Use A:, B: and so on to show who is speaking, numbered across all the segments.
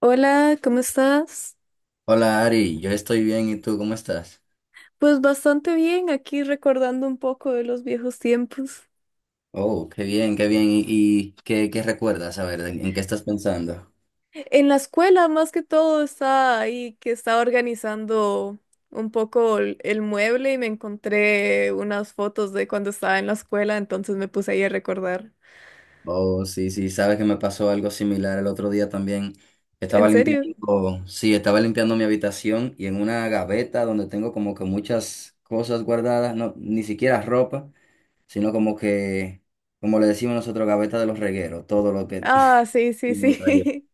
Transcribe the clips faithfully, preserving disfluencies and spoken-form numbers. A: Hola, ¿cómo estás?
B: Hola Ari, yo estoy bien, ¿y tú cómo estás?
A: Pues bastante bien, aquí recordando un poco de los viejos tiempos.
B: Oh, qué bien, qué bien. ¿Y, y qué, qué recuerdas? A ver, ¿en, en qué estás pensando?
A: En la escuela, más que todo, estaba ahí que estaba organizando un poco el, el mueble y me encontré unas fotos de cuando estaba en la escuela, entonces me puse ahí a recordar.
B: Oh, sí, sí, sabes que me pasó algo similar el otro día también.
A: ¿En
B: Estaba
A: serio?
B: limpiando, sí, estaba limpiando mi habitación y en una gaveta donde tengo como que muchas cosas guardadas, no, ni siquiera ropa, sino como que, como le decimos nosotros, gaveta de los regueros, todo lo que...
A: Ah, sí, sí, sí.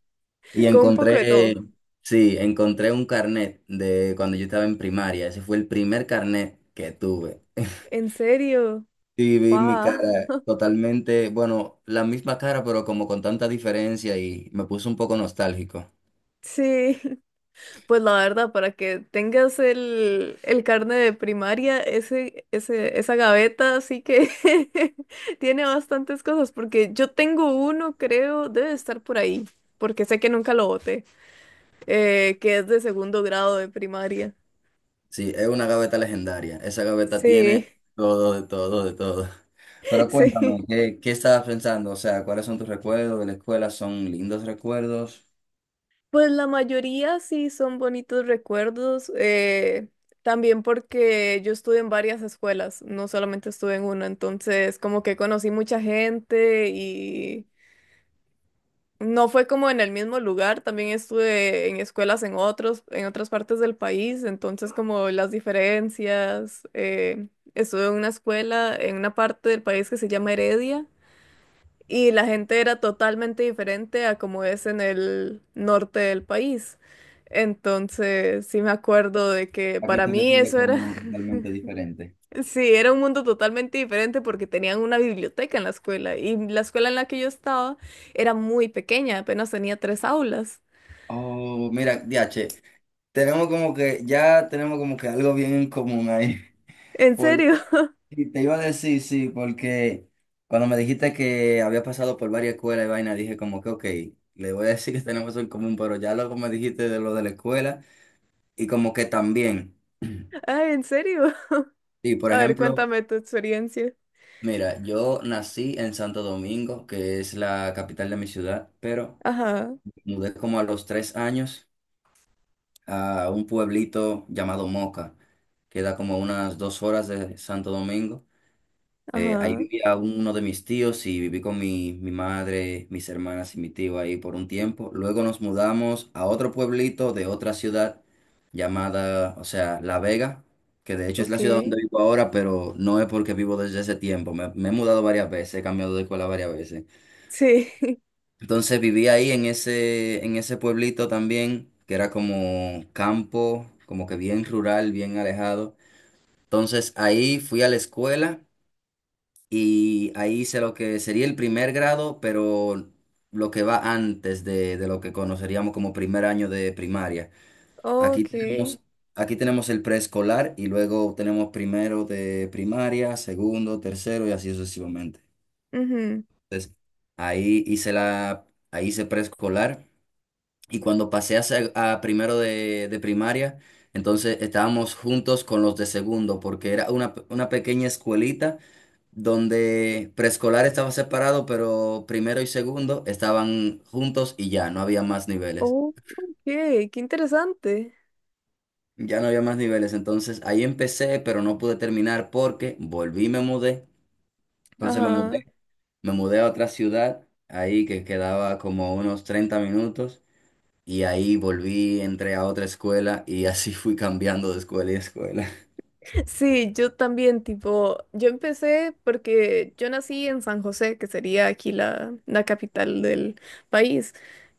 B: Y
A: Con un poco de
B: encontré,
A: todo.
B: sí, encontré un carnet de cuando yo estaba en primaria. Ese fue el primer carnet que tuve.
A: ¿En serio?
B: Y vi mi
A: ¡Wow!
B: cara totalmente, bueno, la misma cara, pero como con tanta diferencia y me puso un poco nostálgico.
A: Sí. Pues la verdad, para que tengas el, el carne de primaria, ese, ese, esa gaveta sí que tiene bastantes cosas, porque yo tengo uno, creo, debe estar por ahí, porque sé que nunca lo boté, eh, que es de segundo grado de primaria.
B: Sí, es una gaveta legendaria. Esa gaveta
A: Sí,
B: tiene todo, de todo, de todo. Pero
A: sí.
B: cuéntame, ¿qué, qué estabas pensando? O sea, ¿cuáles son tus recuerdos de la escuela? ¿Son lindos recuerdos?
A: Pues la mayoría sí son bonitos recuerdos, eh, también porque yo estuve en varias escuelas, no solamente estuve en una, entonces como que conocí mucha gente y... No fue como en el mismo lugar, también estuve en escuelas en otros, en otras partes del país, entonces como las diferencias, eh, estuve en una escuela en una parte del país que se llama Heredia y la gente era totalmente diferente a como es en el norte del país. Entonces, sí me acuerdo de que
B: ¿A qué
A: para
B: te
A: mí
B: refieres
A: eso era,
B: como totalmente diferente?
A: sí, era un mundo totalmente diferente porque tenían una biblioteca en la escuela y la escuela en la que yo estaba era muy pequeña, apenas tenía tres aulas.
B: Oh, mira, Diache. Tenemos como que, ya tenemos como que algo bien en común ahí.
A: ¿En
B: Por-
A: serio?
B: y te iba a decir, sí, porque cuando me dijiste que había pasado por varias escuelas y vaina, dije como que, ok, le voy a decir que tenemos eso en común, pero ya luego me dijiste de lo de la escuela y como que también.
A: Ah, ¿en serio?
B: Y por
A: A ver,
B: ejemplo,
A: cuéntame tu experiencia.
B: mira, yo nací en Santo Domingo, que es la capital de mi ciudad, pero
A: Ajá,
B: mudé como a los tres años a un pueblito llamado Moca, que da como unas dos horas de Santo Domingo. Eh, ahí
A: ajá,
B: vivía uno de mis tíos y viví con mi, mi madre, mis hermanas y mi tío ahí por un tiempo. Luego nos mudamos a otro pueblito de otra ciudad llamada, o sea, La Vega, que de hecho es
A: ok.
B: la ciudad donde vivo ahora, pero no es porque vivo desde ese tiempo. Me, me he mudado varias veces, he cambiado de escuela varias veces.
A: Sí,
B: Entonces viví ahí en ese, en ese pueblito también, que era como campo, como que bien rural, bien alejado. Entonces ahí fui a la escuela y ahí hice lo que sería el primer grado, pero lo que va antes de, de lo que conoceríamos como primer año de primaria. Aquí
A: ok.
B: tenemos, aquí tenemos el preescolar y luego tenemos primero de primaria, segundo, tercero y así sucesivamente.
A: Ujú.
B: Entonces, ahí hice la, ahí hice preescolar y cuando pasé a, seg- a primero de, de primaria, entonces estábamos juntos con los de segundo porque era una, una pequeña escuelita donde preescolar estaba separado, pero primero y segundo estaban juntos y ya, no había más niveles.
A: Oh, ok, qué interesante.
B: Ya no había más niveles, entonces ahí empecé, pero no pude terminar porque volví y me mudé. Entonces me
A: Ajá.
B: mudé, me mudé a otra ciudad, ahí que quedaba como unos treinta minutos, y ahí volví, entré a otra escuela y así fui cambiando de escuela y escuela.
A: Sí, yo también, tipo, yo empecé porque yo nací en San José, que sería aquí la, la capital del país.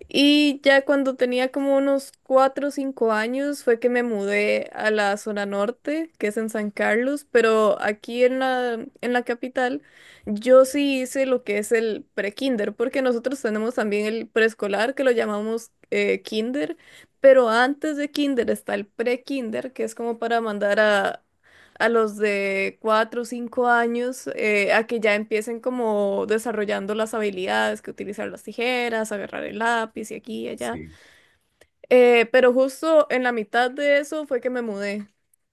A: Y ya cuando tenía como unos cuatro o cinco años fue que me mudé a la zona norte, que es en San Carlos, pero aquí en la, en la capital yo sí hice lo que es el pre-kinder, porque nosotros tenemos también el preescolar, que lo llamamos eh, kinder. Pero antes de kinder está el pre-kinder, que es como para mandar a, a los de cuatro o cinco años eh, a que ya empiecen como desarrollando las habilidades, que utilizar las tijeras, agarrar el lápiz y aquí y allá.
B: Sí,
A: Eh, pero justo en la mitad de eso fue que me mudé.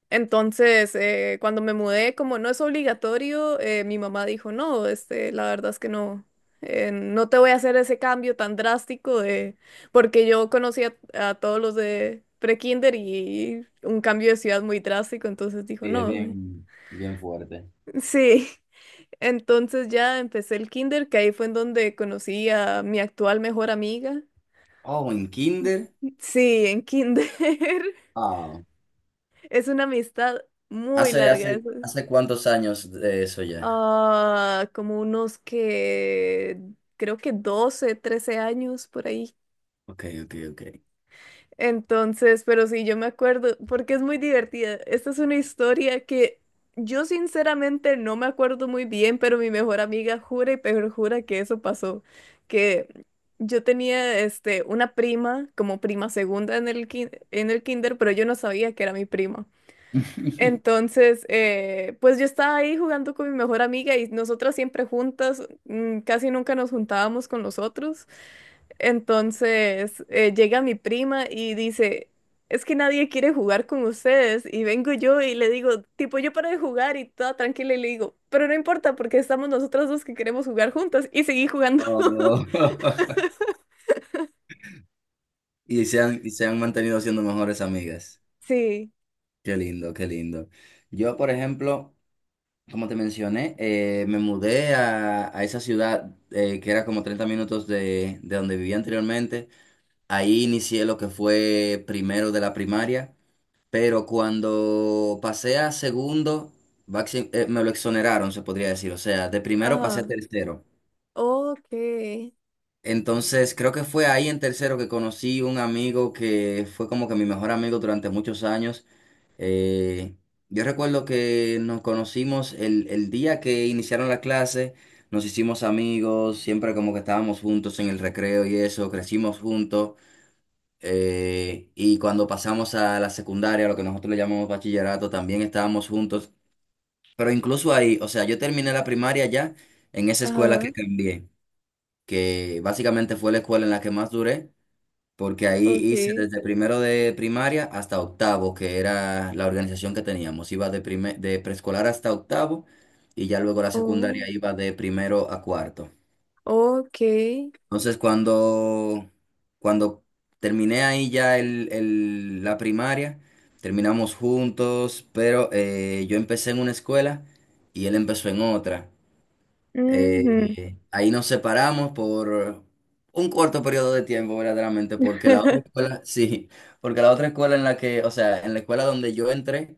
A: Entonces, eh, cuando me mudé, como no es obligatorio, eh, mi mamá dijo, no, este, la verdad es que no. Eh, no te voy a hacer ese cambio tan drástico de, porque yo conocía a a todos los de pre-kinder y un cambio de ciudad muy drástico, entonces dijo,
B: sí, es
A: no,
B: bien, bien fuerte.
A: sí, entonces ya empecé el kinder, que ahí fue en donde conocí a mi actual mejor amiga.
B: Oh, en kinder.
A: Sí, en kinder.
B: Ah,
A: Es una amistad muy
B: ¿Hace,
A: larga. es-
B: hace, hace cuántos años de eso ya?
A: Ah, como unos que creo que doce, trece años por ahí.
B: Ok, ok, ok.
A: Entonces, pero sí, yo me acuerdo, porque es muy divertida. Esta es una historia que yo sinceramente no me acuerdo muy bien, pero mi mejor amiga jura y perjura que eso pasó, que yo tenía este, una prima como prima segunda en el, kin- en el kinder, pero yo no sabía que era mi prima. Entonces, eh, pues yo estaba ahí jugando con mi mejor amiga y nosotras siempre juntas, mm, casi nunca nos juntábamos con los otros. Entonces, eh, llega mi prima y dice, es que nadie quiere jugar con ustedes. Y vengo yo y le digo, tipo, yo para de jugar y toda tranquila y le digo, pero no importa porque estamos nosotras dos que queremos jugar juntas y seguí jugando.
B: Oh. Y se han, y se han mantenido siendo mejores amigas.
A: Sí,
B: Qué lindo, qué lindo. Yo, por ejemplo, como te mencioné, eh, me mudé a, a esa ciudad eh, que era como treinta minutos de, de donde vivía anteriormente. Ahí inicié lo que fue primero de la primaria, pero cuando pasé a segundo, baxi- eh, me lo exoneraron, se podría decir. O sea, de primero pasé a
A: ajá,
B: tercero.
A: ok,
B: Entonces, creo que fue ahí en tercero que conocí un amigo que fue como que mi mejor amigo durante muchos años. Eh, yo recuerdo que nos conocimos el, el día que iniciaron la clase, nos hicimos amigos, siempre como que estábamos juntos en el recreo y eso, crecimos juntos. Eh, y cuando pasamos a la secundaria, lo que nosotros le llamamos bachillerato, también estábamos juntos. Pero incluso ahí, o sea, yo terminé la primaria ya en esa escuela que
A: ajá,
B: cambié, que básicamente fue la escuela en la que más duré porque ahí hice
A: ok,
B: desde primero de primaria hasta octavo, que era la organización que teníamos. Iba de, prime- de preescolar hasta octavo y ya luego la secundaria
A: oh,
B: iba de primero a cuarto.
A: ok.
B: Entonces, cuando, cuando terminé ahí ya el, el- la primaria, terminamos juntos, pero eh, yo empecé en una escuela y él empezó en otra.
A: Ujú.
B: Eh, ahí nos separamos por un corto periodo de tiempo, verdaderamente, porque la otra escuela, sí, porque la otra escuela en la que, o sea, en la escuela donde yo entré,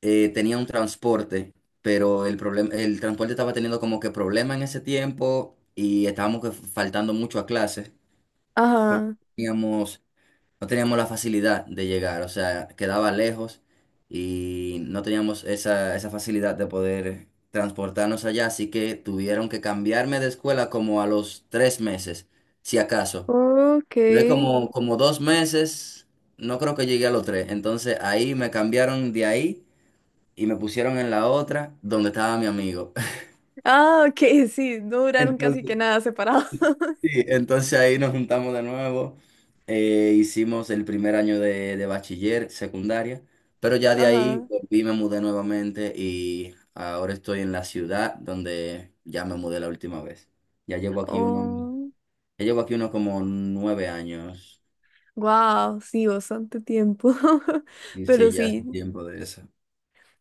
B: eh, tenía un transporte, pero el problema, el transporte estaba teniendo como que problema en ese tiempo y estábamos que faltando mucho a clases, porque
A: Ajá.
B: teníamos no teníamos la facilidad de llegar, o sea, quedaba lejos y no teníamos esa, esa facilidad de poder transportarnos allá, así que tuvieron que cambiarme de escuela como a los tres meses, si acaso.
A: Ok.
B: Luego como, como dos meses, no creo que llegué a los tres, entonces ahí me cambiaron de ahí y me pusieron en la otra donde estaba mi amigo.
A: Ah, ok, sí, no duraron casi
B: entonces
A: que nada separados.
B: Sí, entonces ahí nos juntamos de nuevo, eh, hicimos el primer año de, de bachiller, secundaria, pero ya de ahí
A: Ajá.
B: volví, me mudé nuevamente y ahora estoy en la ciudad donde ya me mudé la última vez. Ya llevo aquí uno,
A: Oh,
B: ya llevo aquí unos como nueve años
A: wow, sí, bastante tiempo.
B: y sí,
A: Pero
B: ya hace
A: sí,
B: tiempo de eso.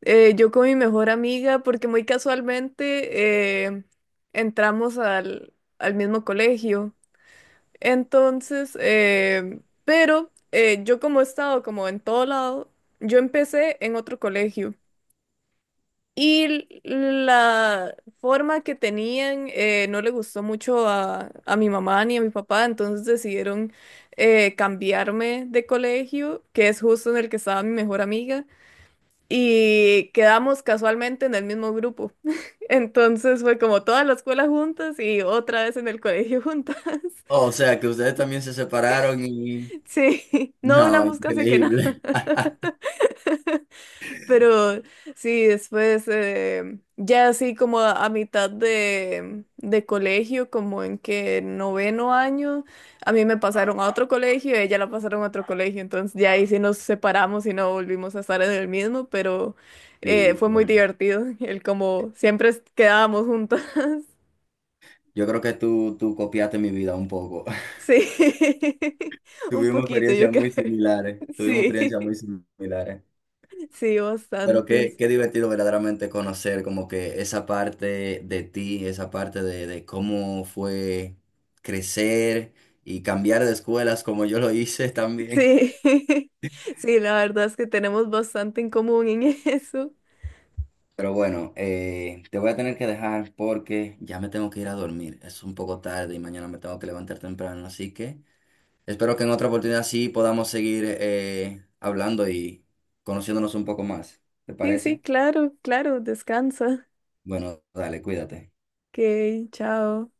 A: eh, yo con mi mejor amiga, porque muy casualmente eh, entramos al, al mismo colegio. Entonces, eh, pero eh, yo como he estado como en todo lado, yo empecé en otro colegio. Y la forma que tenían eh, no le gustó mucho a, a mi mamá ni a mi papá, entonces decidieron eh, cambiarme de colegio, que es justo en el que estaba mi mejor amiga, y quedamos casualmente en el mismo grupo. Entonces fue como toda la escuela juntas y otra vez en el colegio juntas.
B: Oh, o sea que ustedes también se separaron y...
A: Sí, no
B: No,
A: duramos casi que nada.
B: increíble.
A: Pero sí, después, eh, ya así como a, a mitad de, de colegio, como en que noveno año, a mí me pasaron a otro colegio, y a ella la pasaron a otro colegio, entonces ya ahí sí nos separamos y no volvimos a estar en el mismo, pero eh,
B: Sí,
A: fue muy
B: bueno,
A: divertido, el como siempre es- quedábamos juntas.
B: yo creo que tú, tú copiaste mi vida un poco.
A: Sí, un
B: Tuvimos
A: poquito, yo
B: experiencias
A: creo.
B: muy similares, tuvimos
A: Sí,
B: experiencias muy similares.
A: sí,
B: Pero
A: bastante.
B: qué, qué divertido verdaderamente conocer como que esa parte de ti, esa parte de, de cómo fue crecer y cambiar de escuelas como yo lo hice también.
A: Sí, sí, la verdad es que tenemos bastante en común en eso.
B: Pero bueno, eh, te voy a tener que dejar porque ya me tengo que ir a dormir. Es un poco tarde y mañana me tengo que levantar temprano. Así que espero que en otra oportunidad sí podamos seguir eh, hablando y conociéndonos un poco más. ¿Te
A: Sí, sí,
B: parece?
A: claro, claro, descansa.
B: Bueno, dale, cuídate.
A: Ok, chao.